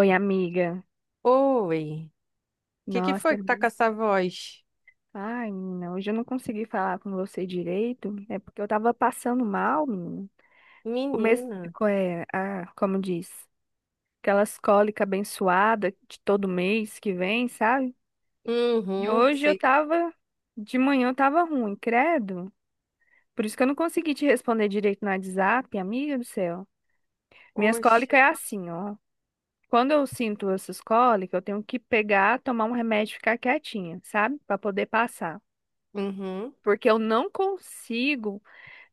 Oi, amiga. Oi, o que que Nossa, foi que tá com essa voz? ai, menina, hoje eu não consegui falar com você direito. É porque eu tava passando mal, menina. Começo, Menina. Como diz, aquelas cólicas abençoadas de todo mês que vem, sabe? E Uhum, hoje eu sei. tava, de manhã eu tava ruim, credo. Por isso que eu não consegui te responder direito no WhatsApp, amiga do céu. Minhas Poxa. cólicas é assim, ó. Quando eu sinto essas cólicas, eu tenho que pegar, tomar um remédio e ficar quietinha, sabe? Pra poder passar, Uhum, porque eu não consigo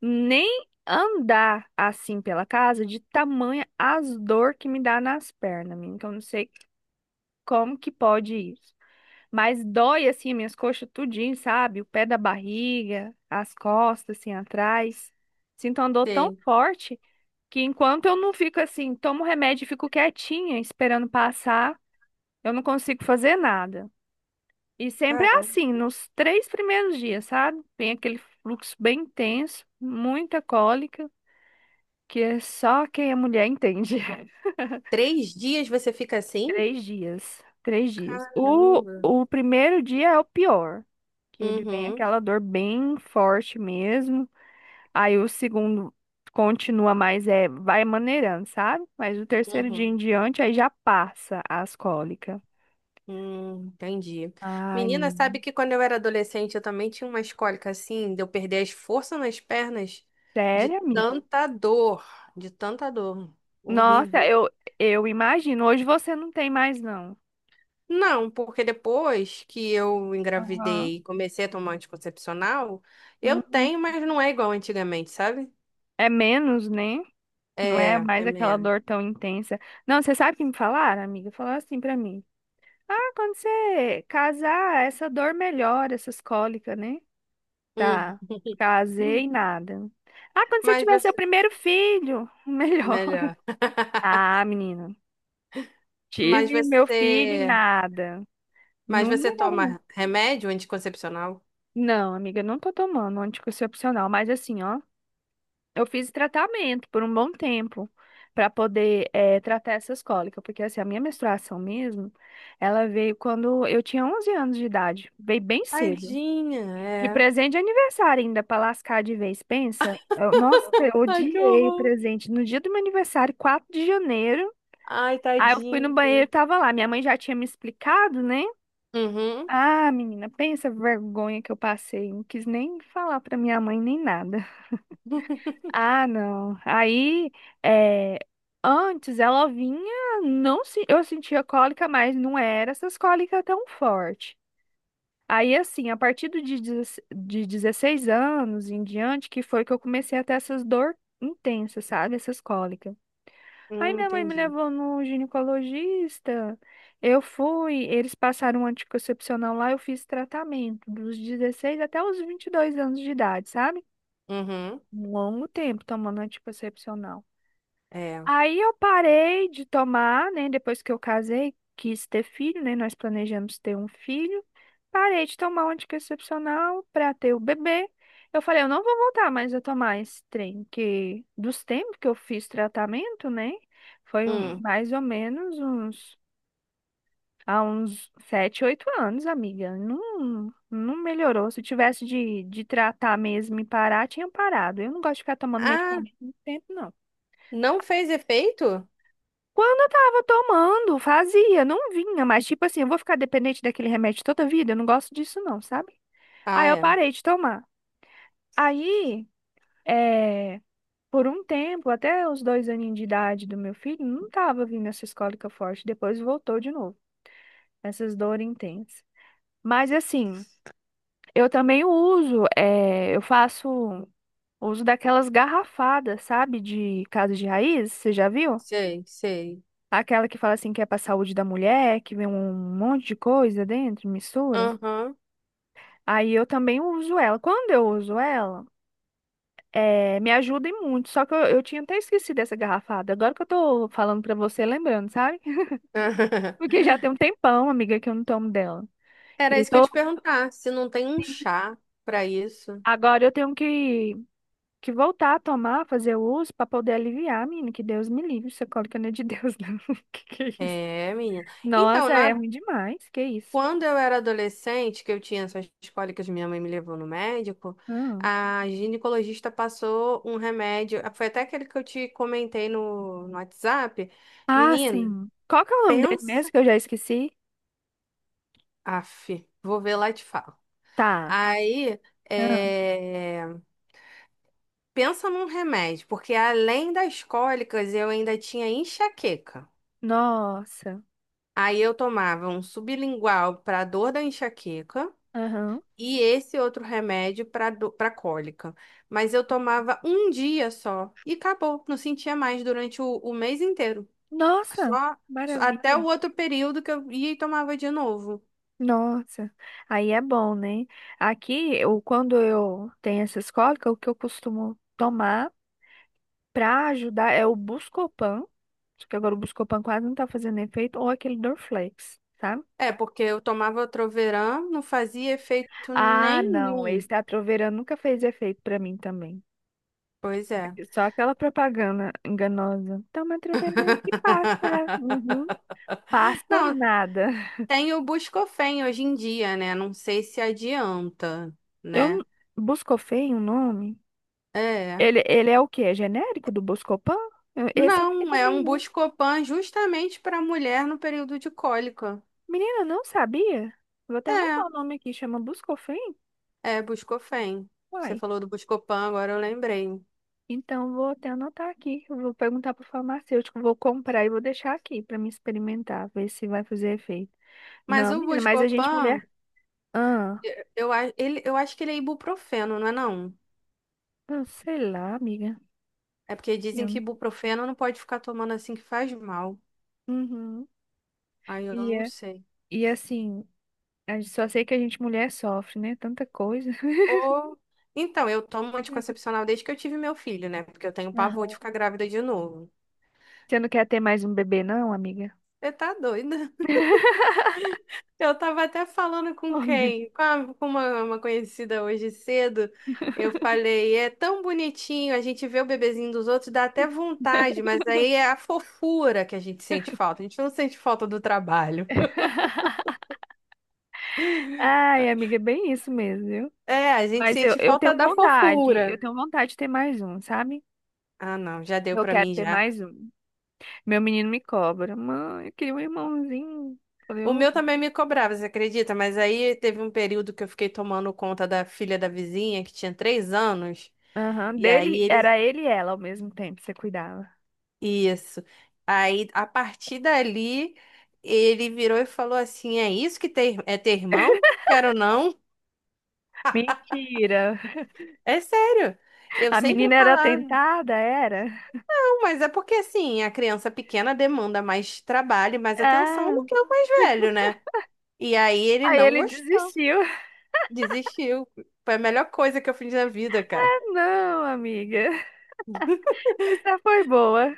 nem andar assim pela casa de tamanha as dor que me dá nas pernas, menina, que eu não sei como que pode isso. Mas dói assim minhas coxas tudinho, sabe? O pé da barriga, as costas assim atrás. Sinto uma dor tão sei. forte que enquanto eu não fico assim, tomo remédio e fico quietinha esperando passar, eu não consigo fazer nada. E sempre é Caramba. assim, nos 3 primeiros dias, sabe? Tem aquele fluxo bem intenso, muita cólica, que é só quem é mulher entende. Três dias você fica assim? 3 dias, 3 dias. O, Caramba. o primeiro dia é o pior, que ele vem Uhum, aquela dor bem forte mesmo. Aí o segundo continua mais, vai maneirando, sabe? Mas o terceiro dia uhum. em diante, aí já passa as cólicas. Entendi. Ai, Menina, menina. sabe que quando eu era adolescente eu também tinha umas cólicas assim, de eu perder as forças nas pernas de Sério, amiga? tanta dor, de tanta dor. Nossa, Horrível. eu imagino. Hoje você não tem mais, não. Não, porque depois que eu Aham. engravidei e comecei a tomar anticoncepcional, eu Hum, tenho, mas não é igual antigamente, sabe? é menos, né? Não é É, é mais aquela menos. dor tão intensa. Não, você sabe o que me falaram, amiga? Falaram assim pra mim. Ah, quando você casar, essa dor melhora, essas cólicas, né? Hum. Tá. Casei, nada. Ah, quando você Mas tiver seu você... primeiro filho, melhor. Melhor. Ah, menina. Mas Tive meu filho e você... nada. Mas Não você melhora, toma não. remédio anticoncepcional? Não, amiga, eu não tô tomando anticoncepcional, mas assim, ó. Eu fiz tratamento por um bom tempo para poder tratar essas cólicas, porque assim, a minha menstruação mesmo, ela veio quando eu tinha 11 anos de idade, veio bem cedo. Tadinha, E é. presente de aniversário ainda, para lascar de vez, pensa. Nossa, eu Ai, que odiei o horror. presente. No dia do meu aniversário, 4 de janeiro, Ai, aí eu fui no tadinha. banheiro e tava lá. Minha mãe já tinha me explicado, né? Uhum. Ah, menina, pensa a vergonha que eu passei. Não quis nem falar pra minha mãe nem nada. Ah, não. Aí, é, antes ela vinha, não se, eu sentia cólica, mas não era essas cólicas tão forte. Aí, assim, a partir de 16 anos em diante, que foi que eu comecei a ter essas dor intensas, sabe? Essas cólicas. Aí minha mãe me entendi. levou no ginecologista, eu fui, eles passaram um anticoncepcional lá, eu fiz tratamento dos 16 até os 22 anos de idade, sabe? Uhum. Um longo tempo tomando anticoncepcional. É. Aí eu parei de tomar, né? Depois que eu casei, quis ter filho, né? Nós planejamos ter um filho. Parei de tomar o anticoncepcional para ter o bebê. Eu falei, eu não vou voltar mais a tomar esse trem, que dos tempos que eu fiz tratamento, né? Foi um- Hum. mais ou menos uns há uns 7, 8 anos, amiga. Não, não melhorou. Se tivesse de tratar mesmo e parar, tinha parado. Eu não gosto de ficar tomando Ah, medicamento muito tempo, não. não fez efeito? Quando eu tava tomando, fazia, não vinha, mas tipo assim, eu vou ficar dependente daquele remédio toda a vida, eu não gosto disso não, sabe? Aí Ah, eu é. parei de tomar. Aí, é, por um tempo, até os 2 aninhos de idade do meu filho, não tava vindo essa escólica forte, depois voltou de novo, essas dores intensas. Mas assim, eu também uso, eu faço uso daquelas garrafadas, sabe, de casa de raiz, você já viu? Sei, sei. Aquela que fala assim que é pra saúde da mulher, que vem um monte de coisa dentro, mistura. Aham. Aí eu também uso ela. Quando eu uso ela, me ajuda em muito. Só que eu tinha até esquecido essa garrafada. Agora que eu tô falando pra você, lembrando, sabe? Porque já tem um tempão, amiga, que eu não tomo dela. Era Eu isso que eu ia tô, te perguntar, se não tem um assim, chá pra isso. agora eu tenho que voltar a tomar, fazer o uso pra poder aliviar, menina. Que Deus me livre. Isso é cólica não é de Deus, não. Que é isso? É, menina. Então, Nossa, é na- ruim demais. Que isso? Quando eu era adolescente, que eu tinha essas cólicas, minha mãe me levou no médico, Não. a ginecologista passou um remédio, ah, foi até aquele que eu te comentei no WhatsApp. Ah, Menina, sim. Qual que é o nome dele pensa. mesmo que eu já esqueci? Aff, vou ver lá e te falo. Tá. Aí, Ah, é. Pensa num remédio, porque além das cólicas eu ainda tinha enxaqueca. nossa. Aí eu tomava um sublingual para dor da enxaqueca Aham. e esse outro remédio para cólica. Mas eu tomava um dia só e acabou, não sentia mais durante o mês inteiro. Nossa, Só, só até maravilha. o outro período que eu ia e tomava de novo. Nossa. Aí é bom, né? Aqui, eu, quando eu tenho essas cólicas, o que eu costumo tomar pra ajudar é o Buscopan. Só que agora o Buscopan quase não tá fazendo efeito, ou aquele Dorflex, sabe? É, porque eu tomava Troveran, não fazia efeito Ah, não, nenhum. esse Atroverã nunca fez efeito pra mim também. Pois é. Só aquela propaganda enganosa. Toma Atroverã que passa. Uhum. Passa Não, nada. tem o Buscofem hoje em dia, né? Não sei se adianta, Eu n- né? Buscofem, o nome? É. Ele é o quê? É genérico do Buscopan? Esse eu Não, é também um não. Buscopan justamente para mulher no período de cólica. Menina, não sabia? Vou até É, anotar o nome aqui, chama Buscofem? é Buscofem. Você Uai. falou do Buscopan, agora eu lembrei. Então vou até anotar aqui. Eu vou perguntar pro farmacêutico, vou comprar e vou deixar aqui pra me experimentar, ver se vai fazer efeito. Mas Não, o menina, mas a gente Buscopan, mulher. Ah, eu a- ele, Eu acho que ele é ibuprofeno, não é não? eu sei lá, amiga. É porque dizem Eu... que não- ibuprofeno não pode ficar tomando assim que faz mal. Uhum. Aí eu E, não é- sei. e assim, só sei que a gente mulher sofre, né? Tanta coisa. Ou... Então, eu tomo anticoncepcional desde que eu tive meu filho, né? Porque eu tenho pavor de Aham. ficar grávida de novo. Você não quer ter mais um bebê, não, amiga? Você tá doida? Eu tava até falando com Homem. quem? Com uma conhecida hoje cedo. Eu falei, é tão bonitinho, a gente vê o bebezinho dos outros, dá até vontade, mas aí é a fofura que a gente sente falta. A gente não sente falta do trabalho. Ai, amiga, é bem isso mesmo, viu? É, a gente Mas eu, sente eu falta tenho da vontade, eu fofura. tenho vontade de ter mais um, sabe? Ah, não, já deu Eu pra quero mim ter já. mais um. Meu menino me cobra. Mãe, eu queria um irmãozinho. Falei, O ô. meu também me cobrava, você acredita? Mas aí teve um período que eu fiquei tomando conta da filha da vizinha, que tinha três anos. Aham, E aí dele ele era ele e ela ao mesmo tempo, você cuidava. Isso. Aí, a partir dali, ele virou e falou assim: é isso que ter, é ter irmão? Quero não. Mentira. É sério. Eu A sempre menina era falava, tentada, era? não, mas é porque assim, a criança pequena demanda mais trabalho, e mais atenção Ah, do que o mais velho, né? E aí ele aí não ele gostou, desistiu. desistiu. Foi a melhor coisa que eu fiz na vida, cara. Não, amiga. Essa foi boa.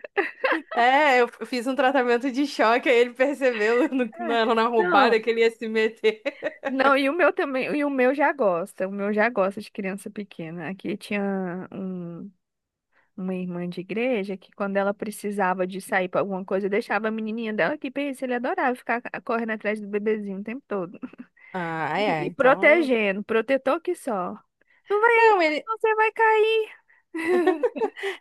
Fiz um tratamento de choque, aí ele percebeu no- Ah, na, na não. roubada que ele ia se meter. Não, e o meu também, e o meu já gosta, o meu já gosta de criança pequena. Aqui tinha uma irmã de igreja que quando ela precisava de sair para alguma coisa, deixava a menininha dela aqui, pensa, ele adorava ficar correndo atrás do bebezinho o tempo todo. Ah, é, E então. protegendo, protetor que só. Não vai aí, Não, ele, você vai cair.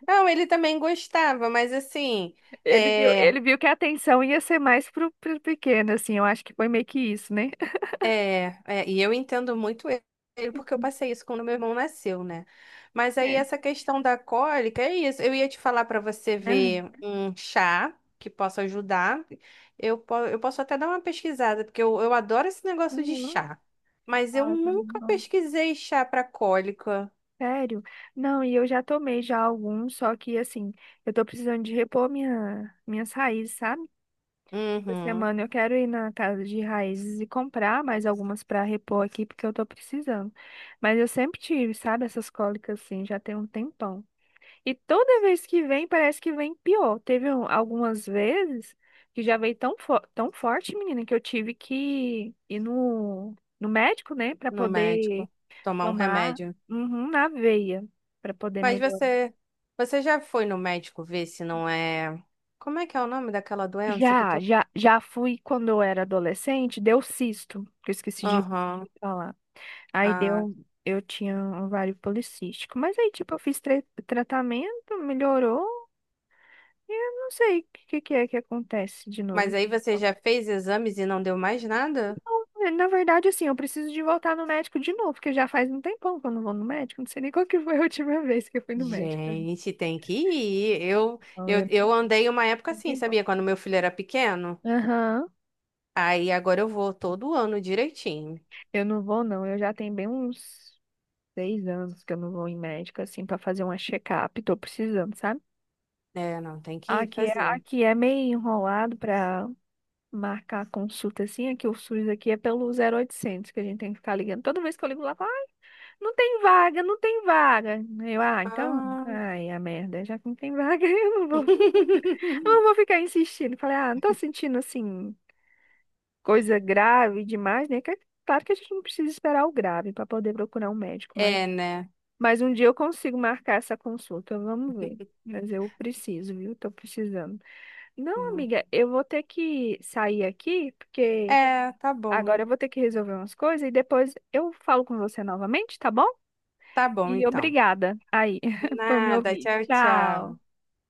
Não, ele também gostava, mas assim, Ele viu, é, ele viu que a atenção ia ser mais pro pequeno, assim, eu acho que foi meio que isso, né? E eu entendo muito ele, porque eu passei isso quando meu irmão nasceu, né? Mas aí É. essa questão da cólica, é isso. Eu ia te falar para você Aham. ver um chá que possa ajudar. Eu posso até dar uma pesquisada, porque eu adoro esse negócio de Uhum. chá. Mas eu Ah, tá nunca bom. pesquisei chá para cólica. Sério? Não, e eu já tomei já alguns, só que assim, eu tô precisando de repor minhas raízes, sabe? Essa Uhum, semana eu quero ir na casa de raízes e comprar mais algumas pra repor aqui, porque eu tô precisando. Mas eu sempre tive, sabe, essas cólicas assim, já tem um tempão. E toda vez que vem, parece que vem pior. Teve algumas vezes que já veio tão forte, menina, que eu tive que ir no médico, né, pra no poder médico, tomar um tomar remédio. uhum, na veia para poder Mas melhorar. você, Você já foi no médico ver se não é. Como é que é o nome daquela doença que Já, todo, já, já fui quando eu era adolescente, deu cisto, que eu esqueci de aham. falar. Aí Ah, deu, eu tinha um ovário policístico, mas aí tipo eu fiz tratamento, melhorou, e eu não sei o que que é que acontece de novo. mas aí você já fez exames e não deu mais nada? É, na verdade, assim, eu preciso de voltar no médico de novo, porque já faz um tempão que eu não vou no médico, não sei nem qual que foi a última vez que eu fui no médico. Gente, tem que ir. Então, eu... Eu andei uma época um assim, tempão. sabia? Quando meu filho era pequeno. Aham. Aí agora eu vou todo ano direitinho. Eu não vou, não. Eu já tenho bem uns 6 anos que eu não vou em médico, assim, pra fazer uma check-up. Tô precisando, sabe? É, não, tem que ir Aqui é, fazer. aqui é meio enrolado pra marcar consulta, assim. Aqui o SUS aqui é pelo 0800 que a gente tem que ficar ligando. Toda vez que eu ligo lá, fala, ah, não tem vaga, não tem vaga. Eu, ah, então, Ah. ai, a merda, já que não tem vaga, eu não vou ficar insistindo. Falei, ah, não tô sentindo, assim, coisa grave demais, né? Que é claro que a gente não precisa esperar o grave pra poder procurar um médico, mas É, né? Um dia eu consigo marcar essa consulta, vamos ver. Mas eu preciso, viu? Tô precisando. Não, amiga, eu vou ter que sair aqui, porque É, tá agora eu bom. vou ter que resolver umas coisas e depois eu falo com você novamente, tá bom? Tá bom, E então. obrigada aí por me Nada, ouvir. tchau, tchau. Tchau.